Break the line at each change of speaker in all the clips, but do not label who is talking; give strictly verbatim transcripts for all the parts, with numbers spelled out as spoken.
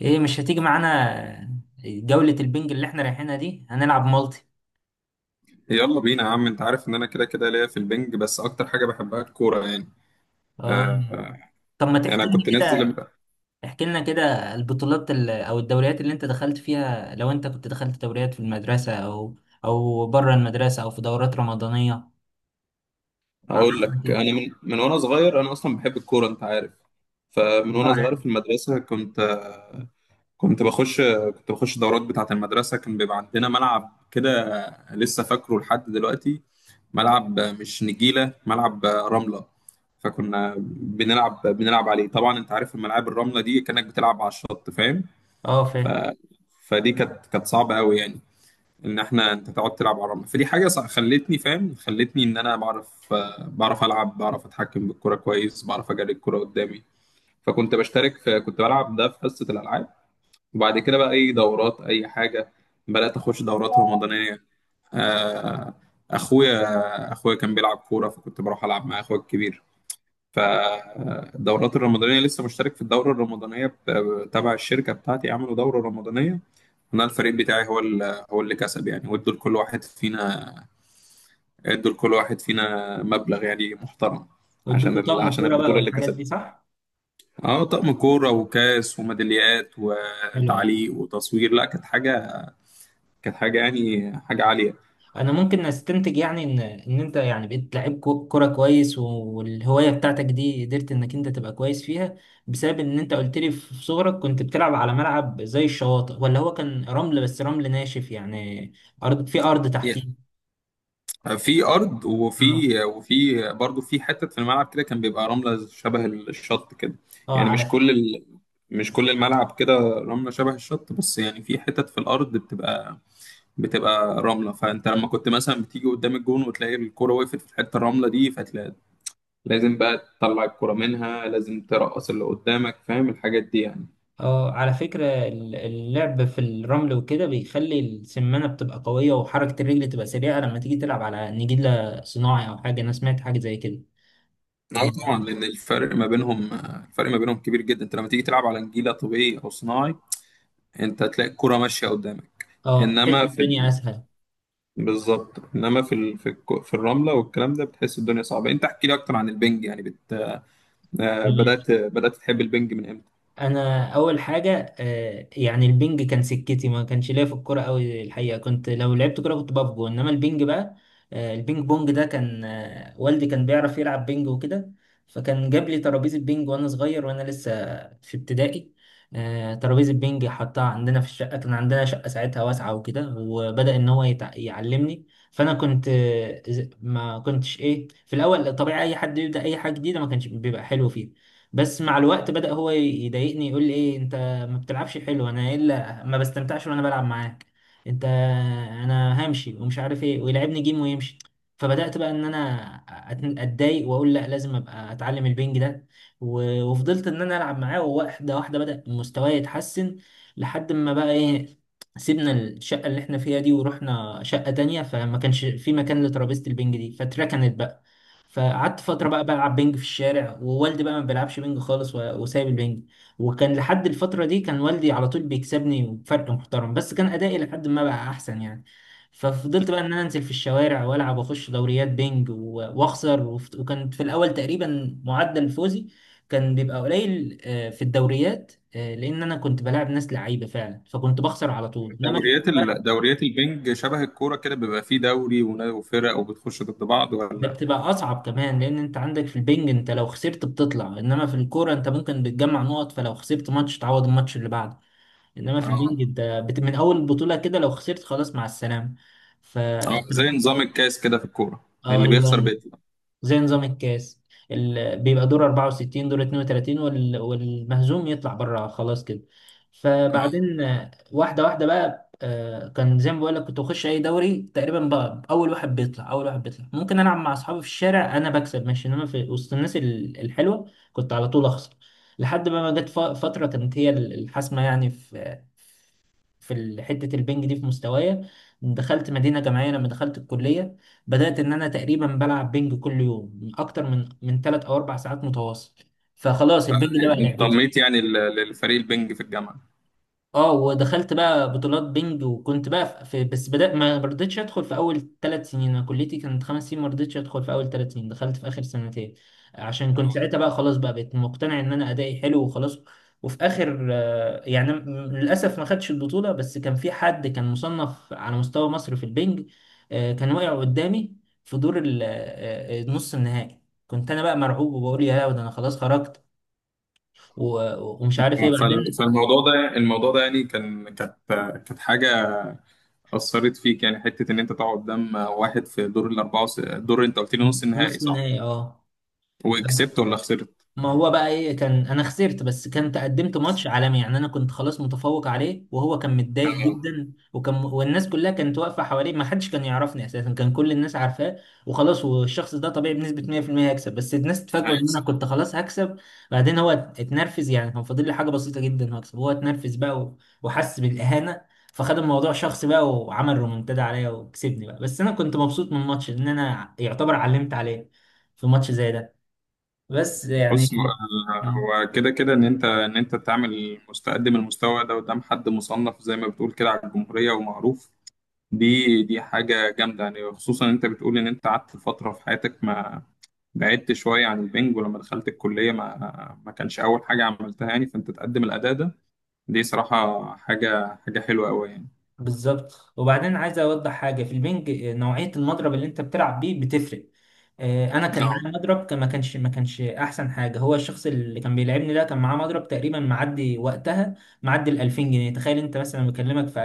ايه؟ مش هتيجي معانا جولة البنج اللي احنا رايحينها دي؟ هنلعب مالتي.
يلا بينا يا عم، انت عارف ان انا كده كده ليا في البنج، بس اكتر حاجه بحبها الكوره يعني.
اه.
آه
طب ما
انا
تحكي لي
كنت نازل
كده، احكي لنا كده البطولات ال- او الدوريات اللي انت دخلت فيها، لو انت كنت دخلت دوريات في المدرسة او او بره المدرسة او في دورات رمضانية.
اقول
عرفنا
لك،
كده.
انا من من وانا صغير انا اصلا بحب الكوره انت عارف. فمن وانا
اه
صغير
يعني.
في المدرسه كنت آه، كنت بخش كنت بخش دورات بتاعه المدرسه، كان بيبقى عندنا ملعب كده. آه، لسه فاكره لحد دلوقتي، ملعب آه، مش نجيله، ملعب آه، رمله. فكنا بنلعب بنلعب عليه، طبعا انت عارف الملاعب الرمله دي كانك بتلعب على الشط، فاهم؟
اه
ف...
فاهم.
فدي كانت كانت صعبه قوي يعني، ان احنا انت تقعد تلعب على الرمل، فدي حاجه صع- خلتني فاهم خلتني ان انا بعرف، آه، بعرف العب، بعرف اتحكم بالكره كويس، بعرف اجري الكره قدامي. فكنت بشترك في كنت بلعب ده في حصه الالعاب. وبعد كده بقى اي دورات اي حاجه، بدات اخش دورات رمضانيه. آه، اخويا اخويا كان بيلعب كوره، فكنت بروح العب مع اخويا الكبير. فالدورات الرمضانية، لسه مشترك في الدورة الرمضانية بت- تبع الشركة بتاعتي، عملوا دورة رمضانية. أنا الفريق بتاعي هو ال- هو اللي كسب يعني، وادوا لكل واحد فينا ادوا لكل واحد فينا مبلغ يعني محترم. عشان
وادوكوا
ال...
طقم
عشان
كورة بقى
البطولة اللي
والحاجات دي
كسبت.
صح؟
اه، طقم كورة وكاس وميداليات
حلو أوي.
وتعليق وتصوير، لا كانت حاجة، كانت حاجة يعني حاجة عالية.
انا ممكن استنتج يعني ان ان انت يعني بقيت لعيب كو- كرة كويس، والهواية بتاعتك دي قدرت انك انت تبقى كويس فيها بسبب ان انت قلت لي في في صغرك كنت بتلعب على ملعب زي الشواطئ، ولا هو كان رمل، بس رمل ناشف يعني ارض، في ارض تحتيه.
في ارض،
اه.
وفي وفي برضه في حتت في الملعب كده كان بيبقى رمله شبه الشط كده.
اه
يعني
على
مش
فكرة.
كل ال... مش كل الملعب كده رمله شبه الشط، بس يعني في حتت في الارض بتبقى، بتبقى رمله. فانت لما كنت مثلا بتيجي قدام الجون، وتلاقي الكرة وقفت في الحته الرمله دي، فتلاقي لازم بقى تطلع الكرة منها، لازم ترقص اللي قدامك، فاهم الحاجات دي يعني.
اه على فكرة ال- اللعب في الرمل وكده بيخلي السمانة بتبقى قوية وحركة الرجل تبقى سريعة لما تيجي تلعب على نجيلة صناعي او حاجة، انا سمعت حاجة زي كده
اه طبعا،
يعني.
لان الفرق ما بينهم الفرق ما بينهم كبير جدا. انت لما تيجي تلعب على نجيله طبيعي او صناعي، انت تلاقي الكرة ماشيه قدامك.
اه بتحس
انما في
الدنيا
ال...
اسهل.
بالظبط، انما في ال... في, الك... في الرمله والكلام ده بتحس الدنيا صعبه. انت احكي لي اكتر عن البنج، يعني بت... آه، بدات بدات تحب البنج من امتى؟
انا اول حاجه آه، يعني البنج كان سكتي، ما كانش ليا في الكوره قوي الحقيقه، كنت لو لعبت كوره كنت بقف جون، انما البنج بقى آه، البينج بونج ده كان آه، والدي كان بيعرف يلعب بينج وكده، فكان جاب لي ترابيزه بينج وانا صغير وانا لسه في ابتدائي. آه، ترابيزه بينج حطها عندنا في الشقه، كان عندنا شقه ساعتها واسعه وكده، وبدا ان هو يتع- يعلمني. فانا كنت آه، ز- ما كنتش ايه في الاول، طبيعي اي حد يبدا اي حاجه جديده ما كانش بيبقى حلو فيها. بس مع الوقت بدأ هو يضايقني يقول لي: ايه انت ما بتلعبش حلو، انا الا ما بستمتعش وانا بلعب معاك، انت، انا همشي ومش عارف ايه، ويلعبني جيم ويمشي. فبدأت بقى ان انا أت- اتضايق واقول لا، لازم ابقى اتعلم البنج ده، و- وفضلت ان انا العب معاه، وواحده واحده بدأ مستواي يتحسن لحد ما بقى ايه، سيبنا الشقة اللي احنا فيها دي ورحنا شقة تانية، فما كانش في مكان لترابيزة البنج دي، فاتركنت بقى. فقعدت فترة بقى بلعب بينج في الشارع، ووالدي بقى ما بيلعبش بينج خالص، و- وسايب البينج. وكان لحد الفترة دي كان والدي على طول بيكسبني بفرق محترم، بس كان أدائي لحد ما بقى أحسن يعني. ففضلت بقى إن أنا أنزل في الشوارع وألعب وأخش دوريات بينج و- وأخسر، وف- وكان في الأول تقريبا معدل فوزي كان بيبقى قليل آه، في الدوريات، آه، لأن أنا كنت بلاعب ناس لعيبة فعلا، فكنت بخسر على طول، إنما أنا كنت
دوريات ال...
بلعب.
دوريات البنج شبه الكوره كده، بيبقى فيه دوري ونا- وفرق وبتخش ضد بعض
ده
ولا؟
بتبقى اصعب كمان، لان انت عندك في البنج انت لو خسرت بتطلع، انما في الكوره انت ممكن بتجمع نقط، فلو خسرت ماتش تعوض الماتش اللي بعده، انما في البنج
اه.
انت بت... من اول البطوله كده لو خسرت خلاص مع السلامه. ف
اه،
اه.
زي نظام الكاس كده في الكوره، اللي بيخسر
ايوه
بيطلع.
زي نظام الكاس. ال... بيبقى دور أربعة وستين دور اتنين وتلاتين وال... والمهزوم يطلع بره خلاص كده.
اه،
فبعدين آه، واحدة واحدة بقى آه، كان زي ما بقول لك، كنت بخش اي دوري تقريبا بقى، اول واحد بيطلع، اول واحد بيطلع. ممكن العب مع اصحابي في الشارع انا بكسب ماشي، انما في وسط الناس ال- الحلوه كنت على طول اخسر. لحد ما ما جت ف- فتره كانت هي ال- الحاسمه يعني في في ال- حته البنج دي في مستوايا. دخلت مدينه جامعيه لما دخلت الكليه، بدأت إن أنا تقريبا بلعب بينج كل يوم أكتر من من تلات أو أربع ساعات متواصل. فخلاص البينج ده بقى لعبتي.
انضميت يعني لل- للفريق البنج في الجامعه؟
اه، ودخلت بقى بطولات بينج، وكنت بقى في، بس بدأ ما رضيتش ادخل في اول ثلاث سنين، انا كليتي كانت خمس سنين، ما رضيتش ادخل في اول ثلاث سنين، دخلت في اخر سنتين، عشان كنت
آه.
ساعتها بقى خلاص بقى بقيت مقتنع ان انا ادائي حلو وخلاص. وفي اخر آه، يعني م- للاسف ما خدتش البطولة، بس كان في حد كان مصنف على مستوى مصر في البينج، آه، كان واقع قدامي في دور ال- آه، آه، نص النهائي. كنت انا بقى مرعوب وبقول يا ده انا خلاص خرجت، و- ومش عارف ايه
فال-
بعدين.
فالموضوع ده الموضوع ده يعني كان كانت كانت حاجه اثرت فيك يعني، حته ان انت تقعد قدام واحد في دور الاربعه، وس... دور انت قلت لي نص النهائي،
نص
صح؟
النهائي اه.
وكسبت ولا خسرت؟
ما هو بقى ايه، كان انا خسرت، بس كنت قدمت ماتش عالمي يعني، انا كنت خلاص متفوق عليه وهو كان متضايق
اه،
جدا، وكان والناس كلها كانت واقفه حواليه، ما حدش كان يعرفني اساسا، كان كل الناس عارفاه. وخلاص، والشخص ده طبيعي بنسبه مية في المية هيكسب، بس الناس اتفاجئوا ان انا
هيكسب.
كنت خلاص هكسب. بعدين هو اتنرفز يعني، كان فاضل لي حاجه بسيطه جدا هكسب، هو اتنرفز بقى و- وحس بالاهانه، فخد الموضوع شخصي بقى وعمل رومنتادا عليا وكسبني بقى. بس انا كنت مبسوط من الماتش ان انا يعتبر علمت عليه في ماتش زي ده، بس
بص هو،
يعني. مم.
هو كده كده ان انت، ان انت تعمل مستقدم المستوى ده قدام حد مصنف زي ما بتقول كده على الجمهوريه ومعروف، دي دي حاجه جامده يعني، خصوصا ان انت بتقول ان انت قعدت فتره في حياتك، ما بعدت شويه عن البنج، ولما دخلت الكليه ما ما كانش اول حاجه عملتها، يعني فانت تقدم الاداء ده، دي صراحه حاجه حاجه حلوه قوي،
بالظبط. وبعدين عايز اوضح حاجه في البنج، آه، نوعيه المضرب اللي انت بتلعب بيه بتفرق. آه، انا كان
يعني.
معايا مضرب كان- ما كانش ما كانش احسن حاجه، هو الشخص اللي كان بيلعبني ده كان معاه مضرب تقريبا معدي وقتها، معدي ال الألفين جنيه، تخيل انت مثلا، بكلمك في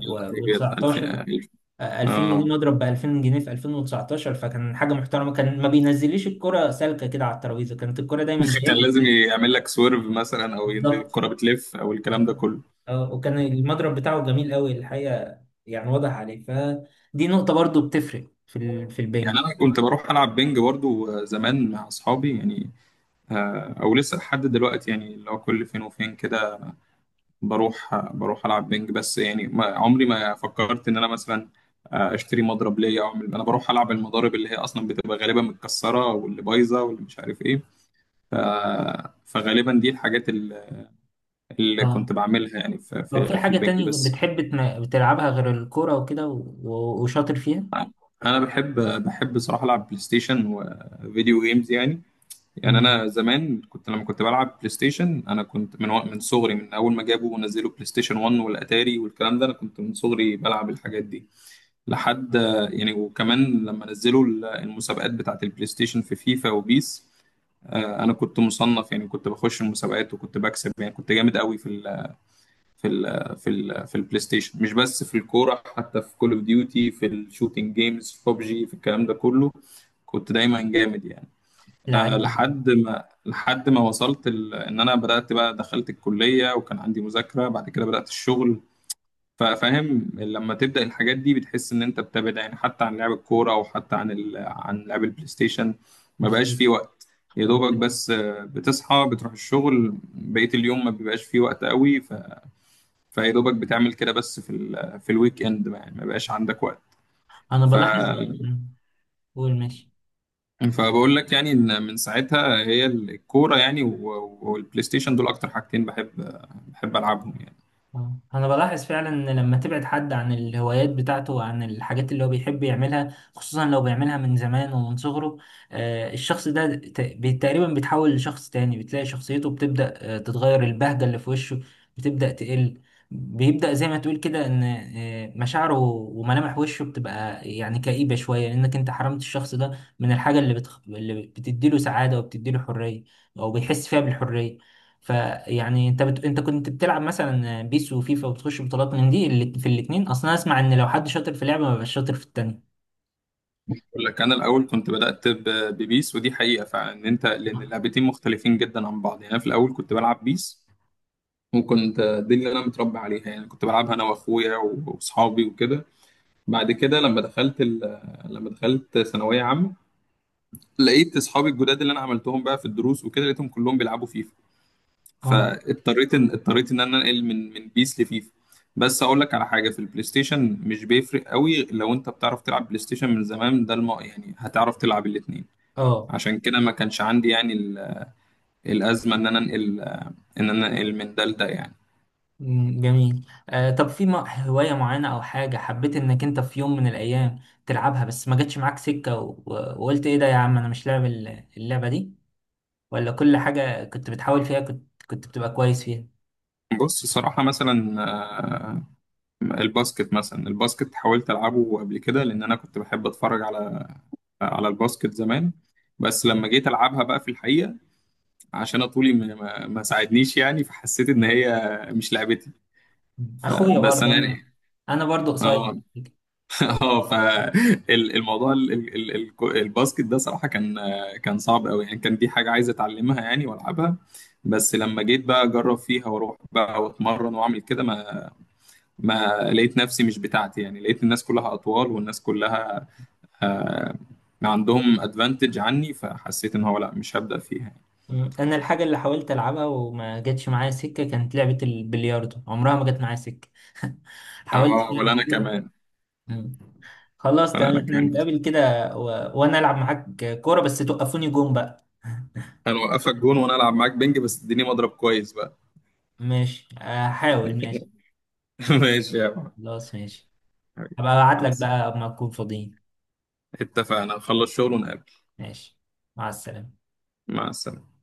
يا نهار أبيض، ألف ألف؟
آه، 2000
اه.
جنيه مضرب ب ألفين جنيه في ألفين وتسعطاشر، فكان حاجه محترمه، كان ما بينزليش الكره سالكه كده على الترابيزه، كانت الكره دايما جايه
كان لازم
لي.
يعمل لك سويرف مثلا، او ينزل
بالظبط.
الكرة بتلف، او الكلام ده كله.
اه، وكان المضرب بتاعه جميل قوي الحقيقة يعني، واضح عليه، فدي نقطة برضو بتفرق في ال... في البنج.
يعني انا كنت بروح العب بينج برضو زمان مع اصحابي يعني. آه، او لسه لحد دلوقتي يعني، اللي هو كل فين وفين كده، بروح بروح العب بينج. بس يعني ما عمري ما فكرت ان انا مثلا، آه، اشتري مضرب ليا او اعمل، انا بروح العب المضارب اللي هي اصلا بتبقى غالبا متكسره، واللي بايظه، واللي مش عارف ايه. ف... فغالبا دي الحاجات اللي اللي
اه
كنت بعملها يعني، في
طب في
في, في
حاجة
البنج
تانية
بس.
بتحب تن- بتلعبها غير الكورة وكده و... و- وشاطر فيها؟
انا بحب، بحب صراحه العب بلاي ستيشن وفيديو جيمز يعني. يعني
مم.
انا زمان كنت لما كنت بلعب بلاي ستيشن، انا كنت من وق- من صغري، من اول ما جابوا ونزلوا بلاي ستيشن واحد والاتاري والكلام ده، انا كنت من صغري بلعب الحاجات دي لحد، يعني. وكمان لما نزلوا ال- المسابقات بتاعت البلاي ستيشن في فيفا وبيس، آه، انا كنت مصنف يعني، كنت بخش المسابقات وكنت بكسب، يعني كنت جامد قوي في، في ال في ال في البلاي ستيشن، مش بس في الكوره، حتى في كول اوف ديوتي، في الشوتينج جيمز، في ببجي، في الكلام ده كله كنت دايما جامد يعني. أه،
لعيب.
لحد ما لحد ما وصلت ال... ان انا بدات بقى، دخلت الكليه وكان عندي مذاكره، بعد كده بدات الشغل. ففاهم، لما تبدا الحاجات دي بتحس ان انت بتبعد، يعني حتى عن لعب الكوره، او حتى عن ال... عن لعب البلاي ستيشن، ما بقاش
بالظبط.
فيه وقت. يا دوبك بس، آه، بتصحى بتروح الشغل، بقية اليوم ما بيبقاش فيه وقت قوي، فيا دوبك بتعمل كده بس في ال في الويك اند، ما- يعني ما بقاش عندك وقت.
أنا
ف
بلاحظ. مم. قول ماشي.
فبقول لك يعني، ان من ساعتها هي الكوره يعني، و- والبلاي ستيشن، دول اكتر حاجتين بحب، بحب العبهم يعني.
آه. انا بلاحظ فعلا ان لما تبعد حد عن الهوايات بتاعته وعن الحاجات اللي هو بيحب يعملها، خصوصا لو بيعملها من زمان ومن صغره، آه، الشخص ده ت- بي- تقريبا بيتحول لشخص تاني، بتلاقي شخصيته بتبدأ آه، تتغير، البهجة اللي في وشه بتبدأ تقل، بيبدأ زي ما تقول كده ان آه، مشاعره وملامح وشه بتبقى يعني كئيبة شوية، لانك انت حرمت الشخص ده من الحاجة اللي بتخ... اللي بتديله سعادة وبتديله حرية، او بيحس فيها بالحرية. فيعني انت بت... انت كنت بتلعب مثلا بيس وفيفا، وبتخش بطولات من دي، اللي في الاتنين اصلا اسمع ان لو حد شاطر في لعبه ما بيبقاش شاطر في التانيه.
بقول لك انا الاول كنت بدات ب- ببيس، ودي حقيقه فعلا، ان انت لان اللعبتين مختلفين جدا عن بعض يعني. انا في الاول كنت بلعب بيس، وكنت دي اللي انا متربي عليها يعني، كنت بلعبها انا واخويا واصحابي وكده. بعد كده لما دخلت ال- لما دخلت ثانويه عامه، لقيت اصحابي الجداد اللي انا عملتهم بقى في الدروس وكده، لقيتهم كلهم بيلعبوا فيفا،
اه.
فاضطريت ان، اضطريت ان انا انقل من من بيس لفيفا. بس اقول لك على حاجه، في البلاي ستيشن مش بيفرق قوي لو انت بتعرف تلعب بلاي ستيشن من زمان، ده الم... يعني هتعرف تلعب الاثنين.
اه.
عشان كده ما كانش عندي يعني ال... الازمه ان انا انقل، ان انا انقل من ده لده يعني.
مم، جميل. آه طب في م- هوايه معينه او حاجه حبيت انك انت في يوم من الايام تلعبها، بس ما جاتش معاك سكه و... و- وقلت ايه ده يا عم، انا مش لاعب ال- اللعبه دي، ولا كل حاجه كنت بتحاول فيها كنت كنت بتبقى كويس فيها؟
بص صراحة مثلا، آه، الباسكت، مثلا الباسكت حاولت ألعبه قبل كده، لأن أنا كنت بحب أتفرج على على الباسكت زمان. بس
مم.
لما جيت ألعبها بقى في الحقيقة، عشان أنا طولي ما, ما ما ساعدنيش يعني، فحسيت ان هي مش لعبتي.
اخويا
فبس
برضه
انا يعني،
انا، انا برضه قصير.
اه. اه، فالموضوع الباسكت ده صراحة كان، كان صعب قوي يعني، كان دي حاجة عايز اتعلمها يعني والعبها. بس لما جيت بقى اجرب فيها، واروح بقى واتمرن واعمل كده، ما ما لقيت نفسي مش بتاعتي يعني، لقيت الناس كلها اطوال، والناس كلها آه، عندهم ادفانتج عني، فحسيت ان هو لا، مش هبدأ فيها يعني.
مم. انا الحاجه اللي حاولت العبها وما جاتش معايا سكه كانت لعبه البلياردو، عمرها ما جت معايا سكه. حاولت
اه،
فيها
ولا انا
كتير.
كمان.
مم. خلاص
ولا
تمام،
انا
احنا
كمان.
نتقابل كده و... وانا العب معاك كوره، بس توقفوني جون بقى.
هنوقفك جون وانا العب معاك بنج، بس اديني مضرب كويس بقى.
ماشي، احاول، ماشي.
ماشي يا عم،
خلاص ماشي.
حبيبي.
هبقى ابعت
مع
لك
السلامة.
بقى اما تكون فاضيين.
اتفقنا نخلص شغل ونقابل.
ماشي، مع السلامه.
مع السلامة.